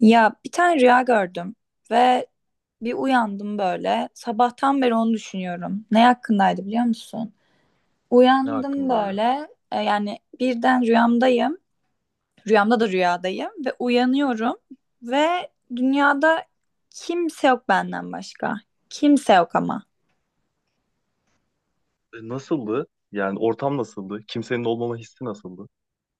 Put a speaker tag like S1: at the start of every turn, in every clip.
S1: Ya bir tane rüya gördüm ve bir uyandım böyle. Sabahtan beri onu düşünüyorum. Ne hakkındaydı biliyor musun?
S2: Ne
S1: Uyandım
S2: hakkındaydı?
S1: böyle. Yani birden rüyamdayım. Rüyamda da rüyadayım ve uyanıyorum ve dünyada kimse yok benden başka. Kimse yok ama.
S2: E, nasıldı? Yani ortam nasıldı? Kimsenin olmama hissi nasıldı?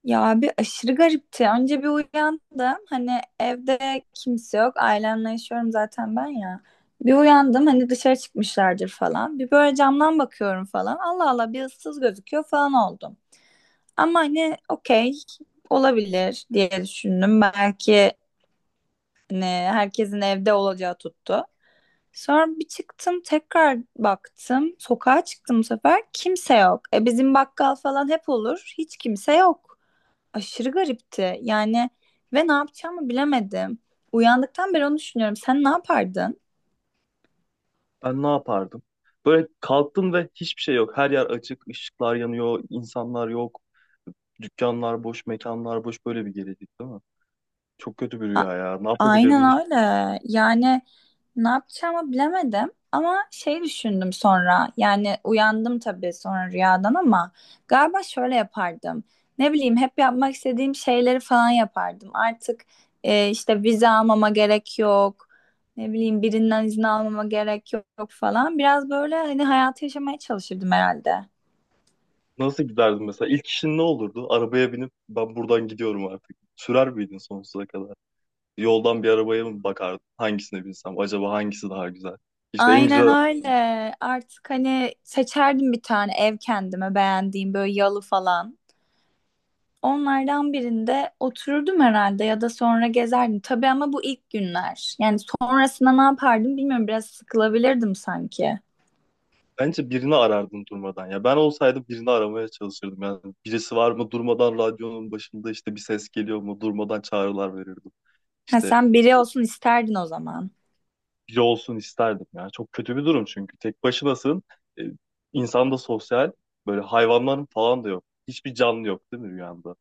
S1: Ya bir aşırı garipti. Önce bir uyandım. Hani evde kimse yok. Ailemle yaşıyorum zaten ben ya. Bir uyandım hani dışarı çıkmışlardır falan. Bir böyle camdan bakıyorum falan. Allah Allah bir ıssız gözüküyor falan oldum. Ama hani okey olabilir diye düşündüm. Belki hani herkesin evde olacağı tuttu. Sonra bir çıktım tekrar baktım. Sokağa çıktım bu sefer. Kimse yok. E bizim bakkal falan hep olur. Hiç kimse yok aşırı garipti. Yani ve ne yapacağımı bilemedim. Uyandıktan beri onu düşünüyorum. Sen ne yapardın?
S2: Ben ne yapardım? Böyle kalktım ve hiçbir şey yok. Her yer açık, ışıklar yanıyor, insanlar yok. Dükkanlar boş, mekanlar boş. Böyle bir gelecek değil mi? Çok kötü bir
S1: A-
S2: rüya ya. Ne
S1: Aynen
S2: yapabilirdim? Hiç?
S1: öyle. Yani ne yapacağımı bilemedim. Ama şey düşündüm sonra. Yani uyandım tabii sonra rüyadan ama galiba şöyle yapardım. Ne bileyim hep yapmak istediğim şeyleri falan yapardım. Artık işte vize almama gerek yok. Ne bileyim birinden izin almama gerek yok falan. Biraz böyle hani hayatı yaşamaya çalışırdım herhalde.
S2: Nasıl giderdim mesela? İlk işin ne olurdu? Arabaya binip ben buradan gidiyorum artık. Sürer miydin sonsuza kadar? Yoldan bir arabaya mı bakardın? Hangisine binsem? Acaba hangisi daha güzel? İşte en
S1: Aynen
S2: güzel.
S1: öyle. Artık hani seçerdim bir tane ev kendime beğendiğim böyle yalı falan. Onlardan birinde otururdum herhalde ya da sonra gezerdim. Tabii ama bu ilk günler. Yani sonrasında ne yapardım bilmiyorum. Biraz sıkılabilirdim sanki.
S2: Bence birini arardın durmadan. Ya ben olsaydım birini aramaya çalışırdım. Yani birisi var mı durmadan radyonun başında işte bir ses geliyor mu durmadan çağrılar verirdim.
S1: Ha,
S2: İşte
S1: sen biri olsun isterdin o zaman.
S2: biri olsun isterdim. Yani çok kötü bir durum çünkü tek başınasın. E, insan da sosyal. Böyle hayvanların falan da yok. Hiçbir canlı yok değil mi rüyanda?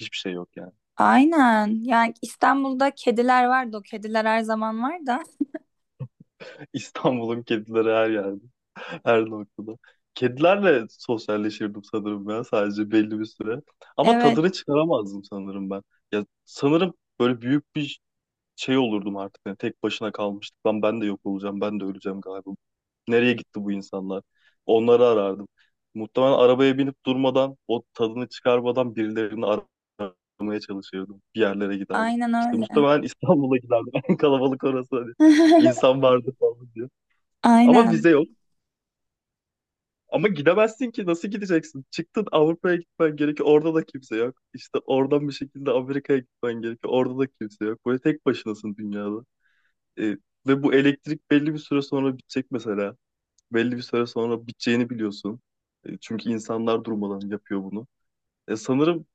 S2: Hiçbir şey yok yani.
S1: Aynen. Yani İstanbul'da kediler vardı. O kediler her zaman var da.
S2: İstanbul'un kedileri her yerde. Her noktada. Kedilerle sosyalleşirdim sanırım ben sadece belli bir süre. Ama
S1: Evet.
S2: tadını çıkaramazdım sanırım ben. Ya sanırım böyle büyük bir şey olurdum artık. Yani tek başına kalmıştık. Lan ben de yok olacağım. Ben de öleceğim galiba. Nereye gitti bu insanlar? Onları arardım. Muhtemelen arabaya binip durmadan, o tadını çıkarmadan birilerini aramaya çalışırdım. Bir yerlere giderdim.
S1: Aynen
S2: İşte
S1: öyle.
S2: muhtemelen İstanbul'a giderdim. En kalabalık orası. Hani insan vardı falan diye. Ama
S1: Aynen.
S2: vize yok. Ama gidemezsin ki. Nasıl gideceksin? Çıktın Avrupa'ya gitmen gerekiyor. Orada da kimse yok. İşte oradan bir şekilde Amerika'ya gitmen gerekiyor. Orada da kimse yok. Böyle tek başınasın dünyada. E, ve bu elektrik belli bir süre sonra bitecek mesela. Belli bir süre sonra biteceğini biliyorsun. E, çünkü insanlar durmadan yapıyor bunu. E, sanırım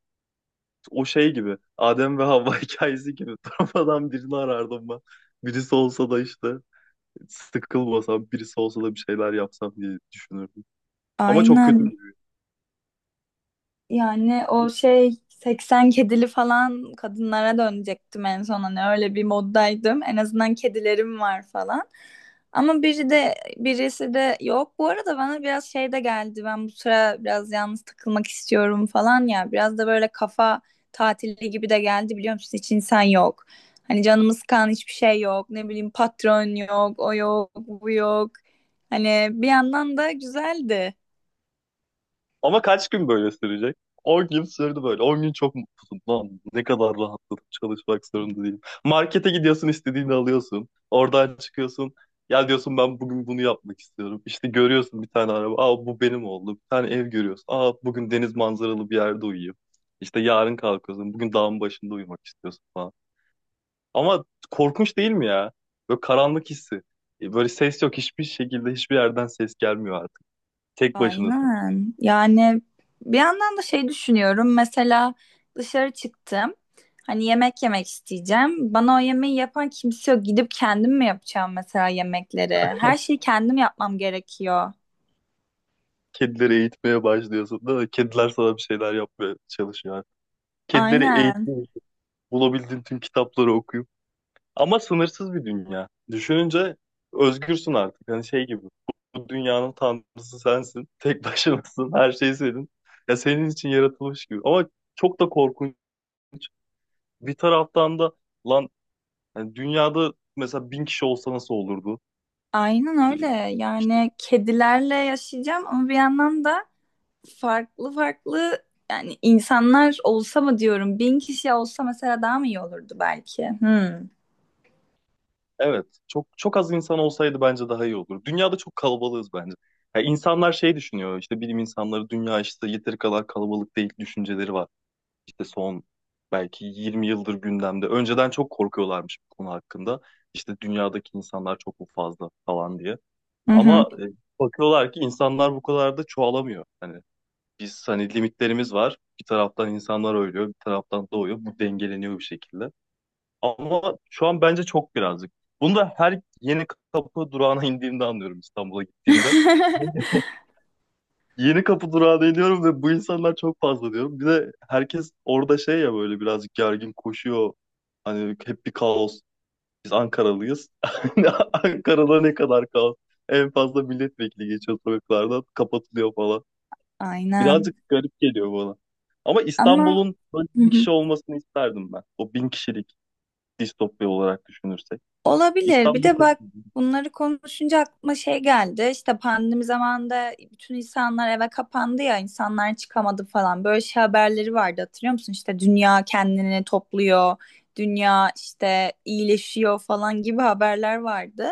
S2: o şey gibi. Adem ve Havva hikayesi gibi. Durmadan birini arardım ben. Birisi olsa da işte sıkılmasam, birisi olsa da bir şeyler yapsam diye düşünürdüm. Ama çok kötü.
S1: Aynen. Yani o şey 80 kedili falan kadınlara dönecektim en son hani öyle bir moddaydım. En azından kedilerim var falan. Ama biri de birisi de yok. Bu arada bana biraz şey de geldi. Ben bu sıra biraz yalnız takılmak istiyorum falan ya. Biraz da böyle kafa tatili gibi de geldi biliyor musun? Hiç insan yok. Hani canımız kan hiçbir şey yok. Ne bileyim patron yok, o yok, bu yok. Hani bir yandan da güzeldi.
S2: Ama kaç gün böyle sürecek? 10 gün sürdü böyle. 10 gün çok mutluyum. Lan ne kadar rahatladım. Çalışmak zorunda değilim. Markete gidiyorsun istediğini alıyorsun. Oradan çıkıyorsun. Ya diyorsun ben bugün bunu yapmak istiyorum. İşte görüyorsun bir tane araba. Aa bu benim oldu. Bir tane ev görüyorsun. Aa bugün deniz manzaralı bir yerde uyuyayım. İşte yarın kalkıyorsun. Bugün dağın başında uyumak istiyorsun falan. Ama korkunç değil mi ya? Böyle karanlık hissi. E, böyle ses yok. Hiçbir şekilde hiçbir yerden ses gelmiyor artık. Tek başınasın.
S1: Aynen. Yani bir yandan da şey düşünüyorum. Mesela dışarı çıktım. Hani yemek yemek isteyeceğim. Bana o yemeği yapan kimse yok. Gidip kendim mi yapacağım mesela yemekleri? Her şeyi kendim yapmam gerekiyor.
S2: Kedileri eğitmeye başlıyorsun değil mi? Kediler sana bir şeyler yapmaya çalışıyor. Yani. Kedileri
S1: Aynen.
S2: eğitmeyi bulabildiğin tüm kitapları okuyup. Ama sınırsız bir dünya. Düşününce özgürsün artık. Hani şey gibi. Bu dünyanın tanrısı sensin. Tek başınasın. Her şey senin. Ya senin için yaratılmış gibi. Ama çok da korkunç. Bir taraftan da lan hani dünyada mesela 1000 kişi olsa nasıl olurdu?
S1: Aynen öyle.
S2: Ee, İşte
S1: Yani kedilerle yaşayacağım ama bir yandan da farklı farklı yani insanlar olsa mı diyorum. 1.000 kişi olsa mesela daha mı iyi olurdu belki? Hmm.
S2: Evet, çok çok az insan olsaydı bence daha iyi olur. Dünyada çok kalabalığız bence. Ya insanlar şey düşünüyor, işte bilim insanları dünya işte yeteri kadar kalabalık değil düşünceleri var. İşte son belki 20 yıldır gündemde. Önceden çok korkuyorlarmış bu konu hakkında. İşte dünyadaki insanlar çok mu fazla falan diye.
S1: Hı hı.
S2: Ama bakıyorlar ki insanlar bu kadar da çoğalamıyor. Hani biz hani limitlerimiz var. Bir taraftan insanlar ölüyor, bir taraftan doğuyor. Bu dengeleniyor bir şekilde. Ama şu an bence çok birazcık. Bunu da her yeni kapı durağına indiğimde anlıyorum İstanbul'a gittiğimde. Yeni kapı durağına iniyorum ve bu insanlar çok fazla diyorum. Bir de herkes orada şey ya böyle birazcık gergin koşuyor. Hani hep bir kaos. Biz Ankaralıyız. Ankara'da ne kadar kaos. En fazla milletvekili geçiyor sokaklardan. Kapatılıyor falan. Birazcık
S1: Aynen.
S2: garip geliyor bana. Ama
S1: Ama
S2: İstanbul'un böyle
S1: hı
S2: bin
S1: hı.
S2: kişi olmasını isterdim ben. O 1000 kişilik distopya olarak düşünürsek.
S1: Olabilir. Bir
S2: İstanbul
S1: de bak
S2: kesin.
S1: bunları konuşunca aklıma şey geldi. İşte pandemi zamanında bütün insanlar eve kapandı ya, insanlar çıkamadı falan. Böyle şey haberleri vardı hatırlıyor musun? İşte dünya kendini topluyor, dünya işte iyileşiyor falan gibi haberler vardı.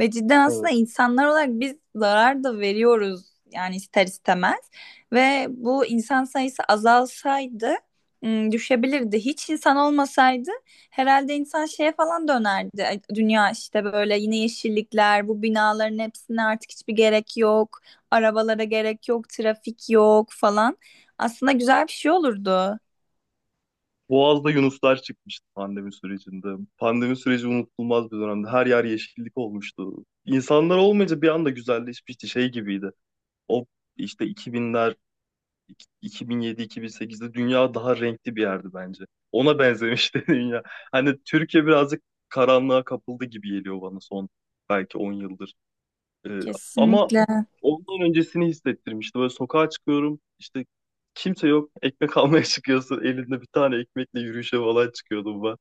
S1: Ve cidden
S2: Evet.
S1: aslında insanlar olarak biz zarar da veriyoruz yani ister istemez. Ve bu insan sayısı azalsaydı düşebilirdi. Hiç insan olmasaydı herhalde insan şeye falan dönerdi. Ay, dünya işte böyle yine yeşillikler, bu binaların hepsine artık hiçbir gerek yok. Arabalara gerek yok, trafik yok falan. Aslında güzel bir şey olurdu.
S2: Boğaz'da yunuslar çıkmıştı pandemi sürecinde. Pandemi süreci unutulmaz bir dönemdi. Her yer yeşillik olmuştu. İnsanlar olmayınca bir anda güzelleşmişti. Şey gibiydi. O işte 2000'ler, 2007-2008'de dünya daha renkli bir yerdi bence. Ona benzemişti dünya. Hani Türkiye birazcık karanlığa kapıldı gibi geliyor bana son belki 10 yıldır. Ee, ama
S1: Kesinlikle.
S2: ondan öncesini hissettirmişti. Böyle sokağa çıkıyorum işte kimse yok ekmek almaya çıkıyorsun elinde bir tane ekmekle yürüyüşe falan çıkıyordum ben.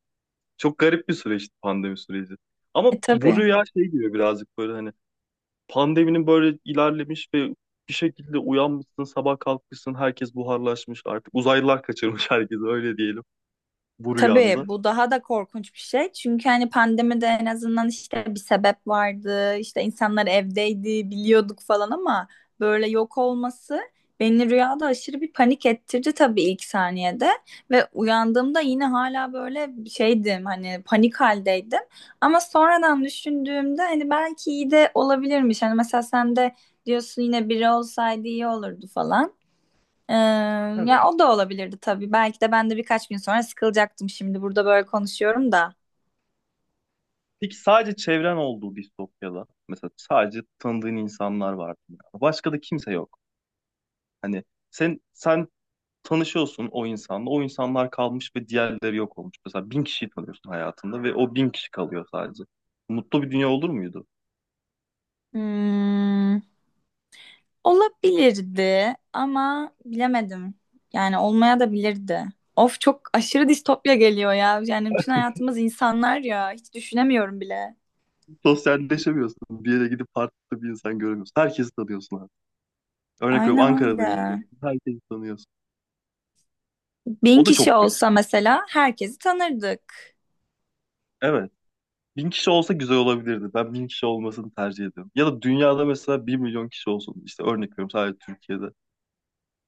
S2: Çok garip bir süreçti pandemi süreci. Ama
S1: E
S2: bu
S1: tabii.
S2: rüya şey diyor birazcık böyle hani pandeminin böyle ilerlemiş ve bir şekilde uyanmışsın sabah kalkmışsın herkes buharlaşmış artık uzaylılar kaçırmış herkesi öyle diyelim bu
S1: Tabii
S2: rüyanda.
S1: bu daha da korkunç bir şey. Çünkü hani pandemide en azından işte bir sebep vardı. İşte insanlar evdeydi, biliyorduk falan ama böyle yok olması beni rüyada aşırı bir panik ettirdi tabii ilk saniyede ve uyandığımda yine hala böyle şeydim hani panik haldeydim. Ama sonradan düşündüğümde hani belki iyi de olabilirmiş. Hani mesela sen de diyorsun yine biri olsaydı iyi olurdu falan. Ee,
S2: Evet.
S1: Ya o da olabilirdi tabii. Belki de ben de birkaç gün sonra sıkılacaktım şimdi burada böyle konuşuyorum da.
S2: Peki sadece çevren olduğu distopyada mesela sadece tanıdığın insanlar vardı. Başka da kimse yok. Hani sen tanışıyorsun o insanla. O insanlar kalmış ve diğerleri yok olmuş. Mesela 1000 kişiyi tanıyorsun hayatında ve o 1000 kişi kalıyor sadece. Mutlu bir dünya olur muydu?
S1: Hmm, olabilirdi ama bilemedim. Yani olmaya da bilirdi. Of çok aşırı distopya geliyor ya. Yani bütün hayatımız insanlar ya. Hiç düşünemiyorum bile.
S2: Sosyalleşemiyorsun. Bir yere gidip farklı bir insan göremiyorsun. Herkesi tanıyorsun abi. Örnek veriyorum
S1: Aynen
S2: Ankara'da yaşıyorsun.
S1: öyle.
S2: Herkesi tanıyorsun.
S1: Bin
S2: O da
S1: kişi
S2: çok garip.
S1: olsa mesela herkesi tanırdık.
S2: Evet. Bin kişi olsa güzel olabilirdi. Ben 1000 kişi olmasını tercih ediyorum. Ya da dünyada mesela 1.000.000 kişi olsun. İşte örnek veriyorum sadece Türkiye'de.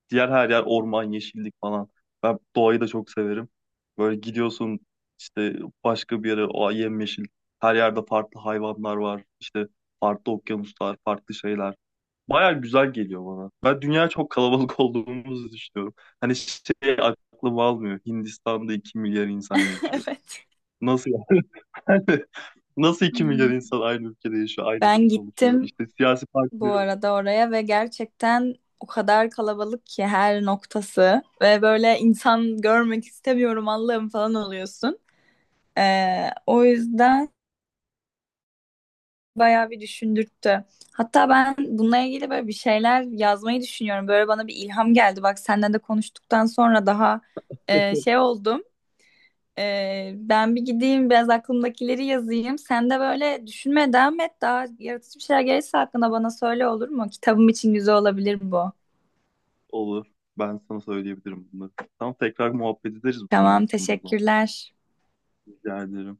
S2: Diğer her yer orman, yeşillik falan. Ben doğayı da çok severim. Böyle gidiyorsun işte başka bir yere o yemyeşil. Her yerde farklı hayvanlar var. İşte farklı okyanuslar, farklı şeyler. Baya güzel geliyor bana. Ben dünya çok kalabalık olduğumuzu düşünüyorum. Hani şey aklım almıyor. Hindistan'da 2.000.000.000 insan yaşıyor.
S1: Evet.
S2: Nasıl yani? Nasıl 2.000.000.000
S1: Hmm.
S2: insan aynı ülkede yaşıyor, aynı
S1: Ben
S2: dili konuşuyor?
S1: gittim
S2: İşte siyasi
S1: bu
S2: partileri.
S1: arada oraya ve gerçekten o kadar kalabalık ki her noktası ve böyle insan görmek istemiyorum Allah'ım falan oluyorsun. O yüzden bayağı bir düşündürttü. Hatta ben bununla ilgili böyle bir şeyler yazmayı düşünüyorum. Böyle bana bir ilham geldi. Bak senden de konuştuktan sonra daha şey oldum. Ben bir gideyim biraz aklımdakileri yazayım. Sen de böyle düşünmeye devam et. Daha yaratıcı bir şeyler gelirse hakkında bana söyle olur mu? Kitabım için güzel olabilir bu.
S2: Olur. Ben sana söyleyebilirim bunu. Tamam tekrar muhabbet ederiz bu konu
S1: Tamam,
S2: hakkında o zaman.
S1: teşekkürler.
S2: Rica ederim.